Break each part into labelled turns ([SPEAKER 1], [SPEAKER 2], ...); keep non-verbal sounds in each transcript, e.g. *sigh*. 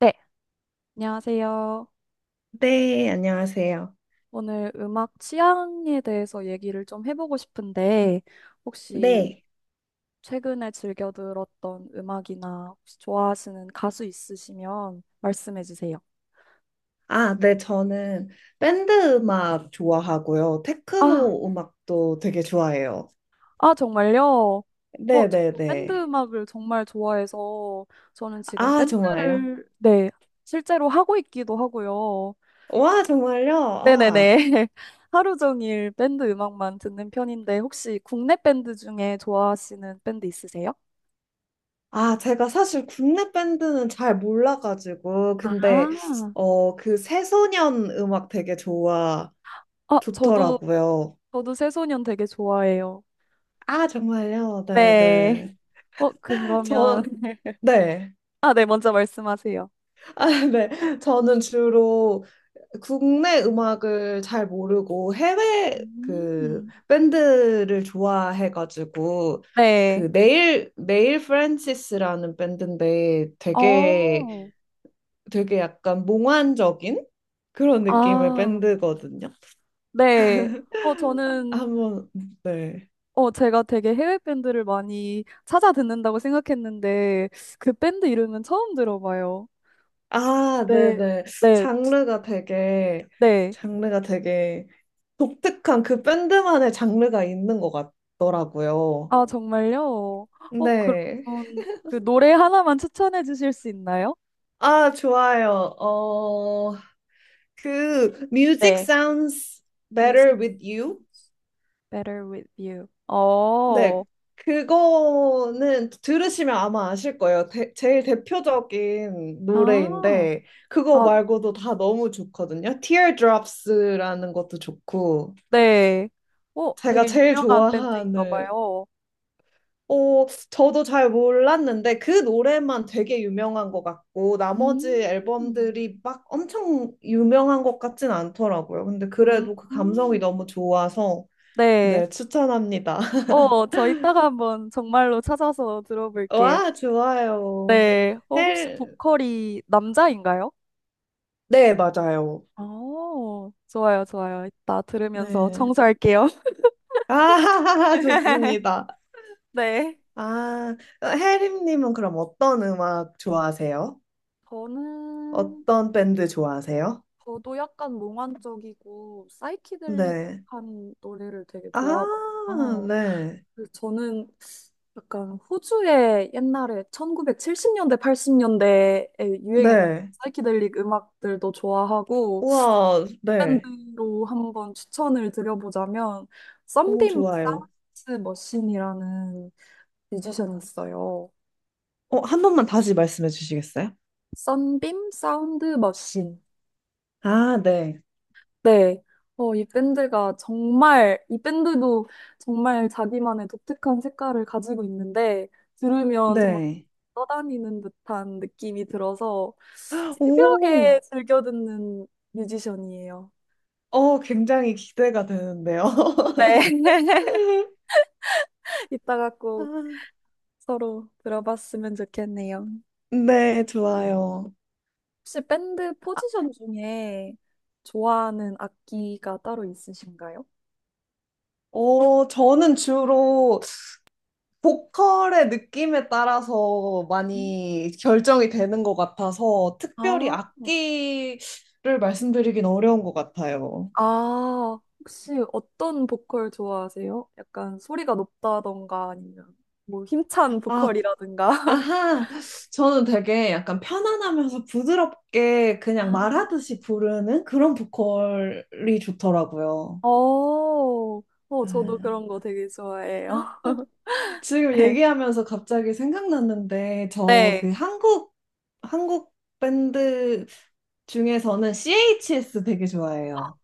[SPEAKER 1] 네, 안녕하세요.
[SPEAKER 2] 네, 안녕하세요.
[SPEAKER 1] 오늘 음악 취향에 대해서 얘기를 좀 해보고 싶은데, 혹시
[SPEAKER 2] 네.
[SPEAKER 1] 최근에 즐겨 들었던 음악이나 혹시 좋아하시는 가수 있으시면 말씀해 주세요.
[SPEAKER 2] 아, 네, 저는 밴드 음악 좋아하고요.
[SPEAKER 1] 아,
[SPEAKER 2] 테크노 음악도 되게 좋아해요.
[SPEAKER 1] 아, 정말요? 어,
[SPEAKER 2] 네,
[SPEAKER 1] 저도
[SPEAKER 2] 네,
[SPEAKER 1] 밴드
[SPEAKER 2] 네.
[SPEAKER 1] 음악을 정말 좋아해서, 저는 지금
[SPEAKER 2] 아, 정말요?
[SPEAKER 1] 밴드를, 네, 실제로 하고 있기도 하고요.
[SPEAKER 2] 와, 정말요? 아.
[SPEAKER 1] 네네네. *laughs* 하루 종일 밴드 음악만 듣는 편인데, 혹시 국내 밴드 중에 좋아하시는 밴드 있으세요?
[SPEAKER 2] 아, 제가 사실 국내 밴드는 잘 몰라가지고, 근데,
[SPEAKER 1] 아,
[SPEAKER 2] 그 새소년 음악 되게
[SPEAKER 1] 아, 저도,
[SPEAKER 2] 좋더라고요.
[SPEAKER 1] 저도 새소년 되게 좋아해요.
[SPEAKER 2] 아, 정말요? 네,
[SPEAKER 1] 네.
[SPEAKER 2] 네.
[SPEAKER 1] 어, 그러면,
[SPEAKER 2] 저,
[SPEAKER 1] *laughs*
[SPEAKER 2] 네.
[SPEAKER 1] 아, 네, 먼저 말씀하세요.
[SPEAKER 2] 아, 네. 저는 주로 국내 음악을 잘 모르고 해외 그
[SPEAKER 1] 음.
[SPEAKER 2] 밴드를 좋아해가지고 그
[SPEAKER 1] 네.
[SPEAKER 2] 네일 프랜시스라는 밴드인데 되게
[SPEAKER 1] 어,
[SPEAKER 2] 되게 약간 몽환적인 그런 느낌의
[SPEAKER 1] 아,
[SPEAKER 2] 밴드거든요.
[SPEAKER 1] 네. 어, 저는,
[SPEAKER 2] 한번 네.
[SPEAKER 1] 제가 되게 해외 밴드를 많이 찾아 듣는다고 생각했는데, 그 밴드 이름은 처음 들어봐요.
[SPEAKER 2] 아,
[SPEAKER 1] 네,
[SPEAKER 2] 네네.
[SPEAKER 1] 네,
[SPEAKER 2] 장르가 되게
[SPEAKER 1] 네.
[SPEAKER 2] 장르가 되게 독특한 그 밴드만의 장르가 있는 것 같더라고요.
[SPEAKER 1] 아, 정말요? 어,
[SPEAKER 2] 네.
[SPEAKER 1] 그러면 그 노래 하나만 추천해 주실 수 있나요?
[SPEAKER 2] 아, 좋아요. 그 Music
[SPEAKER 1] 네.
[SPEAKER 2] Sounds Better
[SPEAKER 1] 뮤직.
[SPEAKER 2] With You?
[SPEAKER 1] Better with you. 어,
[SPEAKER 2] 네, 그거는 들으시면 아마 아실 거예요. 제일 대표적인
[SPEAKER 1] 아,
[SPEAKER 2] 노래인데 그거
[SPEAKER 1] 아,
[SPEAKER 2] 말고도 다 너무 좋거든요. Teardrops라는 것도 좋고
[SPEAKER 1] 네. 어,
[SPEAKER 2] 제가
[SPEAKER 1] 되게
[SPEAKER 2] 제일
[SPEAKER 1] 유명한 밴드인가
[SPEAKER 2] 좋아하는
[SPEAKER 1] 봐요.
[SPEAKER 2] 저도 잘 몰랐는데 그 노래만 되게 유명한 것 같고 나머지
[SPEAKER 1] 음.
[SPEAKER 2] 앨범들이 막 엄청 유명한 것 같진 않더라고요. 근데
[SPEAKER 1] 음,
[SPEAKER 2] 그래도 그 감성이
[SPEAKER 1] 음.
[SPEAKER 2] 너무 좋아서
[SPEAKER 1] 네.
[SPEAKER 2] 네, 추천합니다. *laughs*
[SPEAKER 1] 저 이따가 한번 정말로 찾아서 들어볼게요.
[SPEAKER 2] 와, 좋아요.
[SPEAKER 1] 네. 어, 혹시
[SPEAKER 2] 헬,
[SPEAKER 1] 보컬이 남자인가요?
[SPEAKER 2] 네, 맞아요.
[SPEAKER 1] 어, 좋아요, 좋아요. 이따 들으면서
[SPEAKER 2] 네.
[SPEAKER 1] 청소할게요.
[SPEAKER 2] 아, *laughs*
[SPEAKER 1] *laughs*
[SPEAKER 2] 좋습니다.
[SPEAKER 1] 네.
[SPEAKER 2] 아, 혜림님은 그럼 어떤 음악 좋아하세요?
[SPEAKER 1] 저는
[SPEAKER 2] 어떤 밴드 좋아하세요?
[SPEAKER 1] 저도 약간 몽환적이고
[SPEAKER 2] 네.
[SPEAKER 1] 사이키델릭한 노래를 되게
[SPEAKER 2] 아,
[SPEAKER 1] 좋아하거든요.
[SPEAKER 2] 네.
[SPEAKER 1] 그래서 저는 약간 호주의 옛날에 1970년대, 80년대에 유행했던
[SPEAKER 2] 네.
[SPEAKER 1] 사이키델릭 음악들도 좋아하고
[SPEAKER 2] 우와, 네.
[SPEAKER 1] 밴드로 한번 추천을 드려보자면
[SPEAKER 2] 오,
[SPEAKER 1] 썬빔
[SPEAKER 2] 좋아요.
[SPEAKER 1] 사운드 머신이라는 뮤지션이 있어요.
[SPEAKER 2] 한 번만 다시 말씀해 주시겠어요?
[SPEAKER 1] 썬빔 사운드 머신.
[SPEAKER 2] 아, 네.
[SPEAKER 1] 네. 이 밴드도 정말 자기만의 독특한 색깔을 가지고 있는데, 들으면 정말
[SPEAKER 2] 네.
[SPEAKER 1] 떠다니는 듯한 느낌이 들어서,
[SPEAKER 2] *gasps* 오,
[SPEAKER 1] 새벽에 즐겨 듣는 뮤지션이에요.
[SPEAKER 2] 굉장히 기대가 되는데요.
[SPEAKER 1] 네. *laughs*
[SPEAKER 2] *laughs*
[SPEAKER 1] 이따가
[SPEAKER 2] 아,
[SPEAKER 1] 꼭 서로 들어봤으면 좋겠네요.
[SPEAKER 2] 네, 좋아요.
[SPEAKER 1] 혹시 밴드 포지션 중에 좋아하는 악기가 따로 있으신가요?
[SPEAKER 2] 저는 주로 보컬의 느낌에 따라서
[SPEAKER 1] 음.
[SPEAKER 2] 많이 결정이 되는 것 같아서 특별히
[SPEAKER 1] 아.
[SPEAKER 2] 악기를 말씀드리긴 어려운 것 같아요.
[SPEAKER 1] 아, 혹시 어떤 보컬 좋아하세요? 약간 소리가 높다던가 아니면 뭐 힘찬
[SPEAKER 2] 아,
[SPEAKER 1] 보컬이라든가.
[SPEAKER 2] 아하. 저는 되게 약간 편안하면서 부드럽게
[SPEAKER 1] *laughs* 아.
[SPEAKER 2] 그냥 말하듯이 부르는 그런 보컬이 좋더라고요.
[SPEAKER 1] 어, 어,
[SPEAKER 2] 아,
[SPEAKER 1] 저도 그런 거 되게 좋아해요. *laughs*
[SPEAKER 2] 지금
[SPEAKER 1] 네.
[SPEAKER 2] 얘기하면서 갑자기 생각났는데 저
[SPEAKER 1] 네.
[SPEAKER 2] 그 한국 밴드 중에서는 CHS 되게 좋아해요.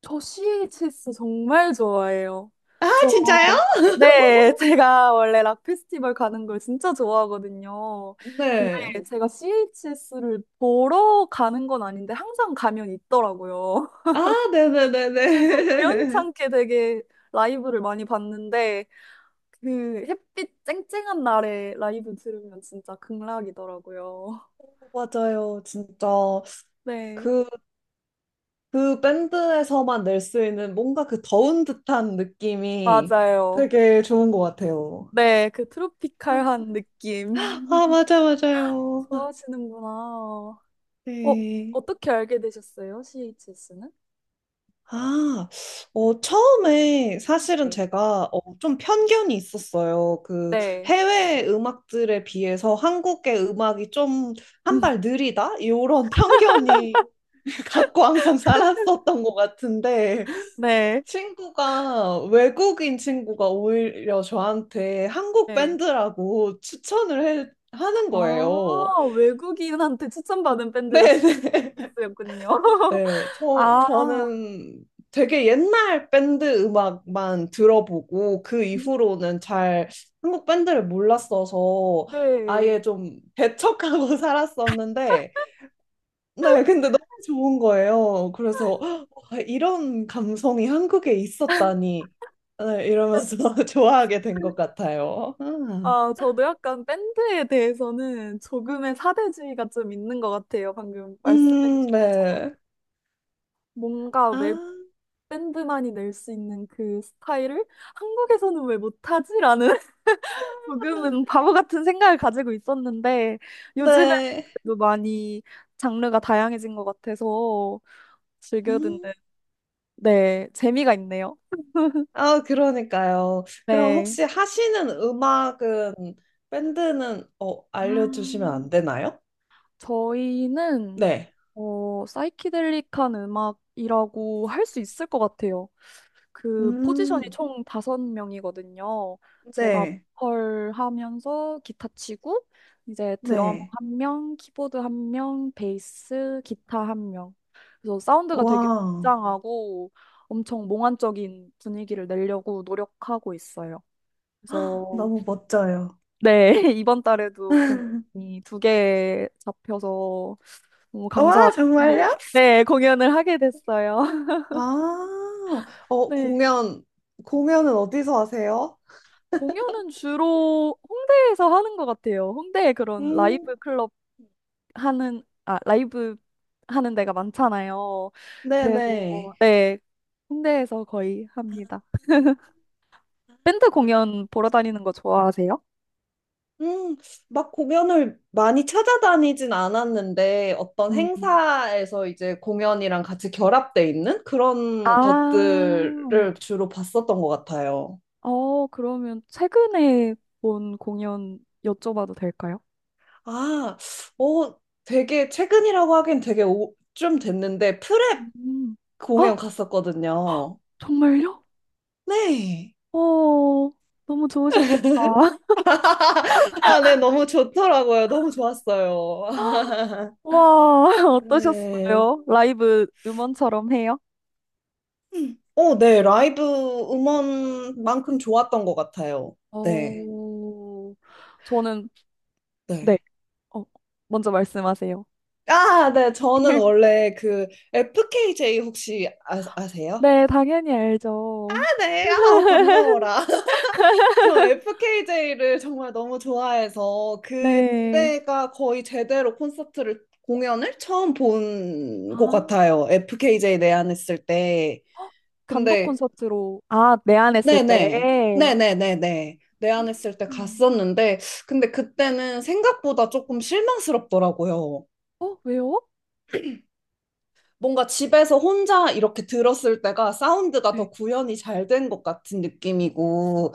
[SPEAKER 1] 저 CHS 정말 좋아해요.
[SPEAKER 2] 아,
[SPEAKER 1] 저,
[SPEAKER 2] 진짜요? *laughs*
[SPEAKER 1] 네, 제가 원래 락 페스티벌 가는 걸 진짜 좋아하거든요. 근데
[SPEAKER 2] 네.
[SPEAKER 1] 제가 CHS를 보러 가는 건 아닌데 항상 가면 있더라고요.
[SPEAKER 2] 아,
[SPEAKER 1] 그래서
[SPEAKER 2] 네네네네.
[SPEAKER 1] 우연찮게 되게 라이브를 많이 봤는데 그 햇빛 쨍쨍한 날에 라이브 들으면 진짜 극락이더라고요.
[SPEAKER 2] *laughs* 맞아요. 진짜
[SPEAKER 1] *laughs* 네,
[SPEAKER 2] 그 그 밴드에서만 낼 수 있는 뭔가 그 더운 듯한 느낌이
[SPEAKER 1] 맞아요.
[SPEAKER 2] 되게 좋은 것 같아요.
[SPEAKER 1] 네, 그 트로피칼한 느낌.
[SPEAKER 2] 아,
[SPEAKER 1] *laughs*
[SPEAKER 2] 맞아, 맞아요.
[SPEAKER 1] 좋아하시는구나. 어,
[SPEAKER 2] 네.
[SPEAKER 1] 어떻게 알게 되셨어요? CHS는?
[SPEAKER 2] 아, 처음에 사실은
[SPEAKER 1] 네.
[SPEAKER 2] 제가 좀 편견이 있었어요. 그
[SPEAKER 1] 네.
[SPEAKER 2] 해외 음악들에 비해서 한국의 음악이 좀 한 발
[SPEAKER 1] *laughs*
[SPEAKER 2] 느리다? 이런 편견이 *laughs* 갖고 항상 살았었던 것 같은데
[SPEAKER 1] 네.
[SPEAKER 2] 친구가 외국인 친구가 오히려 저한테 한국
[SPEAKER 1] 네.
[SPEAKER 2] 밴드라고 추천을 하는 거예요.
[SPEAKER 1] 아, 외국인한테
[SPEAKER 2] *laughs*
[SPEAKER 1] 추천받은 밴드가
[SPEAKER 2] 네,
[SPEAKER 1] CHS였군요. *laughs*
[SPEAKER 2] 네, 저,
[SPEAKER 1] 아,
[SPEAKER 2] 저는 되게 옛날 밴드 음악만 들어보고 그 이후로는 잘 한국 밴드를 몰랐어서 아예
[SPEAKER 1] 네.
[SPEAKER 2] 좀 배척하고 *laughs* 살았었는데, 네, 근데 너무 좋은 거예요. 그래서 헉, 와, 이런 감성이 한국에 있었다니, 네, 이러면서 *laughs* 좋아하게 된 것 같아요. 아.
[SPEAKER 1] 아, 저도 약간 밴드에 대해서는 조금의 사대주의가 좀 있는 것 같아요. 방금 말씀해주신 것처럼.
[SPEAKER 2] 네.
[SPEAKER 1] 뭔가
[SPEAKER 2] 아,
[SPEAKER 1] 왜 밴드만이 낼 수 있는 그 스타일을 한국에서는 왜 못하지라는 *laughs* 조금은 바보 같은 생각을 가지고 있었는데 요즘에는
[SPEAKER 2] 네.
[SPEAKER 1] 그래도 많이 장르가 다양해진 것 같아서 즐겨 듣는
[SPEAKER 2] 음.
[SPEAKER 1] 네, 재미가 있네요.
[SPEAKER 2] 아, 그러니까요. 그럼
[SPEAKER 1] 네.
[SPEAKER 2] 혹시 하시는 음악은, 밴드는, 알려주시면
[SPEAKER 1] 아,
[SPEAKER 2] 안 되나요?
[SPEAKER 1] 저희는
[SPEAKER 2] 네.
[SPEAKER 1] 어, 사이키델릭한 음악이라고 할 수 있을 것 같아요. 그 포지션이
[SPEAKER 2] 음,
[SPEAKER 1] 총 다섯 명이거든요. 제가
[SPEAKER 2] 네.
[SPEAKER 1] 보컬 하면서 기타 치고, 이제 드럼
[SPEAKER 2] 네.
[SPEAKER 1] 1명, 키보드 1명, 베이스, 기타 1명. 그래서 사운드가 되게
[SPEAKER 2] 와,
[SPEAKER 1] 웅장하고 엄청 몽환적인 분위기를 내려고 노력하고 있어요.
[SPEAKER 2] 헉,
[SPEAKER 1] 그래서
[SPEAKER 2] 너무 멋져요.
[SPEAKER 1] 네, *laughs* 이번 달에도
[SPEAKER 2] *laughs*
[SPEAKER 1] 공연이 2개 잡혀서 너무
[SPEAKER 2] 와, 정말요?
[SPEAKER 1] 감사하고, 네, 공연을 하게 됐어요. *laughs*
[SPEAKER 2] 아, 어,
[SPEAKER 1] 네,
[SPEAKER 2] 공연, 공연은 어디서 하세요?
[SPEAKER 1] 공연은 주로 홍대에서 하는 것 같아요. 홍대에 그런
[SPEAKER 2] 음,
[SPEAKER 1] 라이브 클럽 하는, 아, 라이브 하는 데가 많잖아요. 그래서,
[SPEAKER 2] 네네.
[SPEAKER 1] 네, 홍대에서 거의 합니다.
[SPEAKER 2] 아,
[SPEAKER 1] 밴드 공연 보러
[SPEAKER 2] 그렇군요.
[SPEAKER 1] 다니는 거 좋아하세요?
[SPEAKER 2] 음, 막 공연을 많이 찾아다니진 않았는데 어떤
[SPEAKER 1] 음.
[SPEAKER 2] 행사에서 이제 공연이랑 같이 결합돼 있는
[SPEAKER 1] 아,
[SPEAKER 2] 그런 것들을 주로 봤었던 것 같아요.
[SPEAKER 1] 어, 그러면 최근에 본 공연 여쭤봐도 될까요?
[SPEAKER 2] 아, 어, 되게 최근이라고 하긴 되게 좀 됐는데 프랩
[SPEAKER 1] 음. 아,
[SPEAKER 2] 공연 갔었거든요.
[SPEAKER 1] 정말요?
[SPEAKER 2] 네.
[SPEAKER 1] 어, 너무 좋으셨겠다. *laughs*
[SPEAKER 2] 아, 네, 너무 좋더라고요. 너무 좋았어요.
[SPEAKER 1] 와,
[SPEAKER 2] *laughs*
[SPEAKER 1] *laughs*
[SPEAKER 2] 네.
[SPEAKER 1] 어떠셨어요? 라이브 음원처럼 해요?
[SPEAKER 2] 음. 네, 라이브 음원만큼 좋았던 것 같아요. 네.
[SPEAKER 1] 어, 저는, 네,
[SPEAKER 2] 네.
[SPEAKER 1] 어, 먼저 말씀하세요.
[SPEAKER 2] 아, 네. 저는
[SPEAKER 1] *laughs*
[SPEAKER 2] 원래 그 FKJ 혹시 아세요?
[SPEAKER 1] 네, 당연히
[SPEAKER 2] 아,
[SPEAKER 1] 알죠.
[SPEAKER 2] 네. 아, 반가워라. *laughs* 저 FKJ를 정말 너무 좋아해서
[SPEAKER 1] 네.
[SPEAKER 2] 그때가 거의 제대로 콘서트를 공연을 처음 본 것
[SPEAKER 1] 아,
[SPEAKER 2] 같아요. FKJ 내한했을 때.
[SPEAKER 1] 단독
[SPEAKER 2] 근데
[SPEAKER 1] 콘서트로, 아, 내한했을
[SPEAKER 2] 네네.
[SPEAKER 1] 때.
[SPEAKER 2] 네네네네. 내한했을 때
[SPEAKER 1] 음.
[SPEAKER 2] 갔었는데 근데 그때는 생각보다 조금 실망스럽더라고요.
[SPEAKER 1] 어, 왜요?
[SPEAKER 2] 뭔가 집에서 혼자 이렇게 들었을 때가 사운드가
[SPEAKER 1] 네.
[SPEAKER 2] 더 구현이 잘 된 것 같은 느낌이고,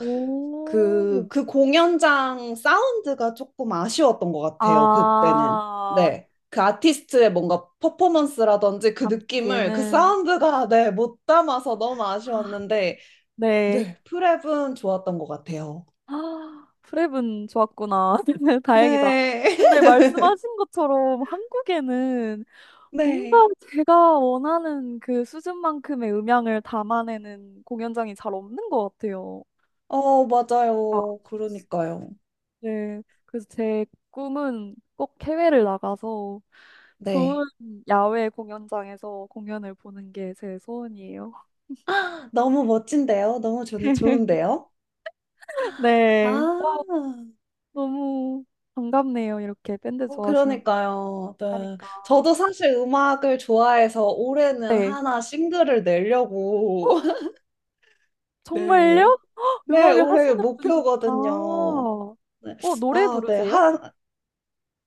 [SPEAKER 2] 그, 그 공연장 사운드가 조금 아쉬웠던 것 같아요, 그때는.
[SPEAKER 1] 아,
[SPEAKER 2] 네. 그 아티스트의 뭔가 퍼포먼스라든지 그 느낌을 그
[SPEAKER 1] 담기에는,
[SPEAKER 2] 사운드가, *laughs* 네, 못 담아서 너무
[SPEAKER 1] 아,
[SPEAKER 2] 아쉬웠는데,
[SPEAKER 1] 네.
[SPEAKER 2] 네, 프랩은 좋았던 것 같아요.
[SPEAKER 1] 아, 프랩은 좋았구나. *laughs* 다행이다.
[SPEAKER 2] 네. *laughs*
[SPEAKER 1] 근데 말씀하신 것처럼 한국에는 뭔가
[SPEAKER 2] 네.
[SPEAKER 1] 제가 원하는 그 수준만큼의 음향을 담아내는 공연장이 잘 없는 것 같아요. 아,
[SPEAKER 2] 맞아요. 그러니까요.
[SPEAKER 1] 네. 그래서 제 꿈은 꼭 해외를 나가서 좋은
[SPEAKER 2] 네.
[SPEAKER 1] 야외 공연장에서 공연을 보는 게 제 소원이에요.
[SPEAKER 2] *gasps* 아, 너무 멋진데요? 너무
[SPEAKER 1] *laughs*
[SPEAKER 2] 좋은데요? 아,
[SPEAKER 1] 네. 와, 너무 반갑네요. 이렇게 밴드 좋아하시는 분
[SPEAKER 2] 그러니까요. 네.
[SPEAKER 1] 하니까.
[SPEAKER 2] 저도 사실 음악을 좋아해서 올해는
[SPEAKER 1] 네.
[SPEAKER 2] 하나 싱글을
[SPEAKER 1] 어,
[SPEAKER 2] 내려고. *laughs*
[SPEAKER 1] 정말요?
[SPEAKER 2] 네.
[SPEAKER 1] 헉,
[SPEAKER 2] 네,
[SPEAKER 1] 음악을
[SPEAKER 2] 올해
[SPEAKER 1] 하시는 분이셨구나.
[SPEAKER 2] 목표거든요. 네.
[SPEAKER 1] 어, 노래
[SPEAKER 2] 아, 네.
[SPEAKER 1] 부르세요?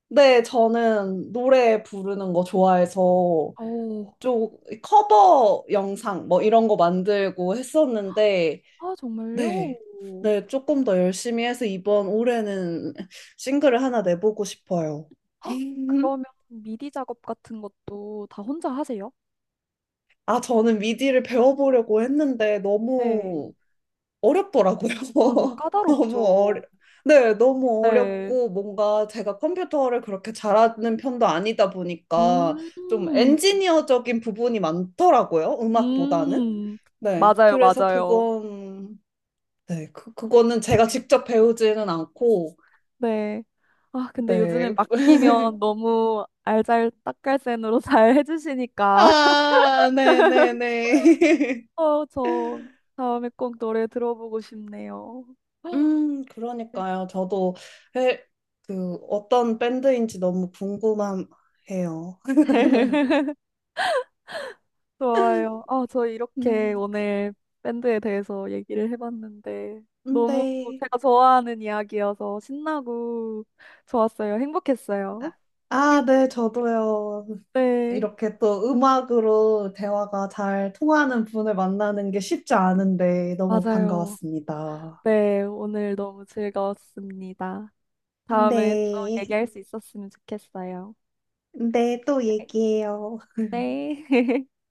[SPEAKER 2] 네, 저는 노래 부르는 거 좋아해서
[SPEAKER 1] 어,
[SPEAKER 2] 좀 커버 영상 뭐 이런 거 만들고 했었는데,
[SPEAKER 1] 아, 정말요?
[SPEAKER 2] 네. 네, 조금 더 열심히 해서 이번 올해는 싱글을 하나 내보고 싶어요.
[SPEAKER 1] 헉,
[SPEAKER 2] *laughs*
[SPEAKER 1] 그러면 미디 작업 같은 것도 다 혼자 하세요?
[SPEAKER 2] 아, 저는 미디를 배워보려고 했는데
[SPEAKER 1] 네.
[SPEAKER 2] 너무 어렵더라고요.
[SPEAKER 1] 아, 그
[SPEAKER 2] *laughs* 너무 어려,
[SPEAKER 1] 까다롭죠.
[SPEAKER 2] 네, 너무
[SPEAKER 1] 네.
[SPEAKER 2] 어렵고 뭔가 제가 컴퓨터를 그렇게 잘하는 편도 아니다 보니까 좀
[SPEAKER 1] 음,
[SPEAKER 2] 엔지니어적인 부분이 많더라고요. 음악보다는.
[SPEAKER 1] 음,
[SPEAKER 2] 네,
[SPEAKER 1] 맞아요,
[SPEAKER 2] 그래서
[SPEAKER 1] 맞아요.
[SPEAKER 2] 그건, 네, 그거는 제가 직접 배우지는 않고,
[SPEAKER 1] 네. 아, 근데 요즘엔
[SPEAKER 2] 네. *laughs*
[SPEAKER 1] 맡기면 너무 알잘딱깔센으로 잘 해주시니까. *laughs*
[SPEAKER 2] 아, 네네네. *laughs*
[SPEAKER 1] 저 다음에 꼭 노래 들어보고 싶네요.
[SPEAKER 2] 그러니까요. 저도 에, 그 어떤 밴드인지 너무 궁금해요.
[SPEAKER 1] *laughs* 좋아요. 아, 저 이렇게
[SPEAKER 2] 네.
[SPEAKER 1] 오늘 밴드에 대해서 얘기를 해봤는데 너무
[SPEAKER 2] 근데
[SPEAKER 1] 제가 좋아하는 이야기여서 신나고 좋았어요. 행복했어요.
[SPEAKER 2] 아, 아,
[SPEAKER 1] *laughs*
[SPEAKER 2] 네, 저도요.
[SPEAKER 1] 네,
[SPEAKER 2] 이렇게 또 음악으로 대화가 잘 통하는 분을 만나는 게 쉽지 않은데 너무
[SPEAKER 1] 맞아요.
[SPEAKER 2] 반가웠습니다.
[SPEAKER 1] 네, 오늘 너무 즐거웠습니다. 다음에 또
[SPEAKER 2] 네,
[SPEAKER 1] 얘기할 수 있었으면 좋겠어요.
[SPEAKER 2] 네, 또
[SPEAKER 1] 네.
[SPEAKER 2] 얘기해요.
[SPEAKER 1] 네. *laughs*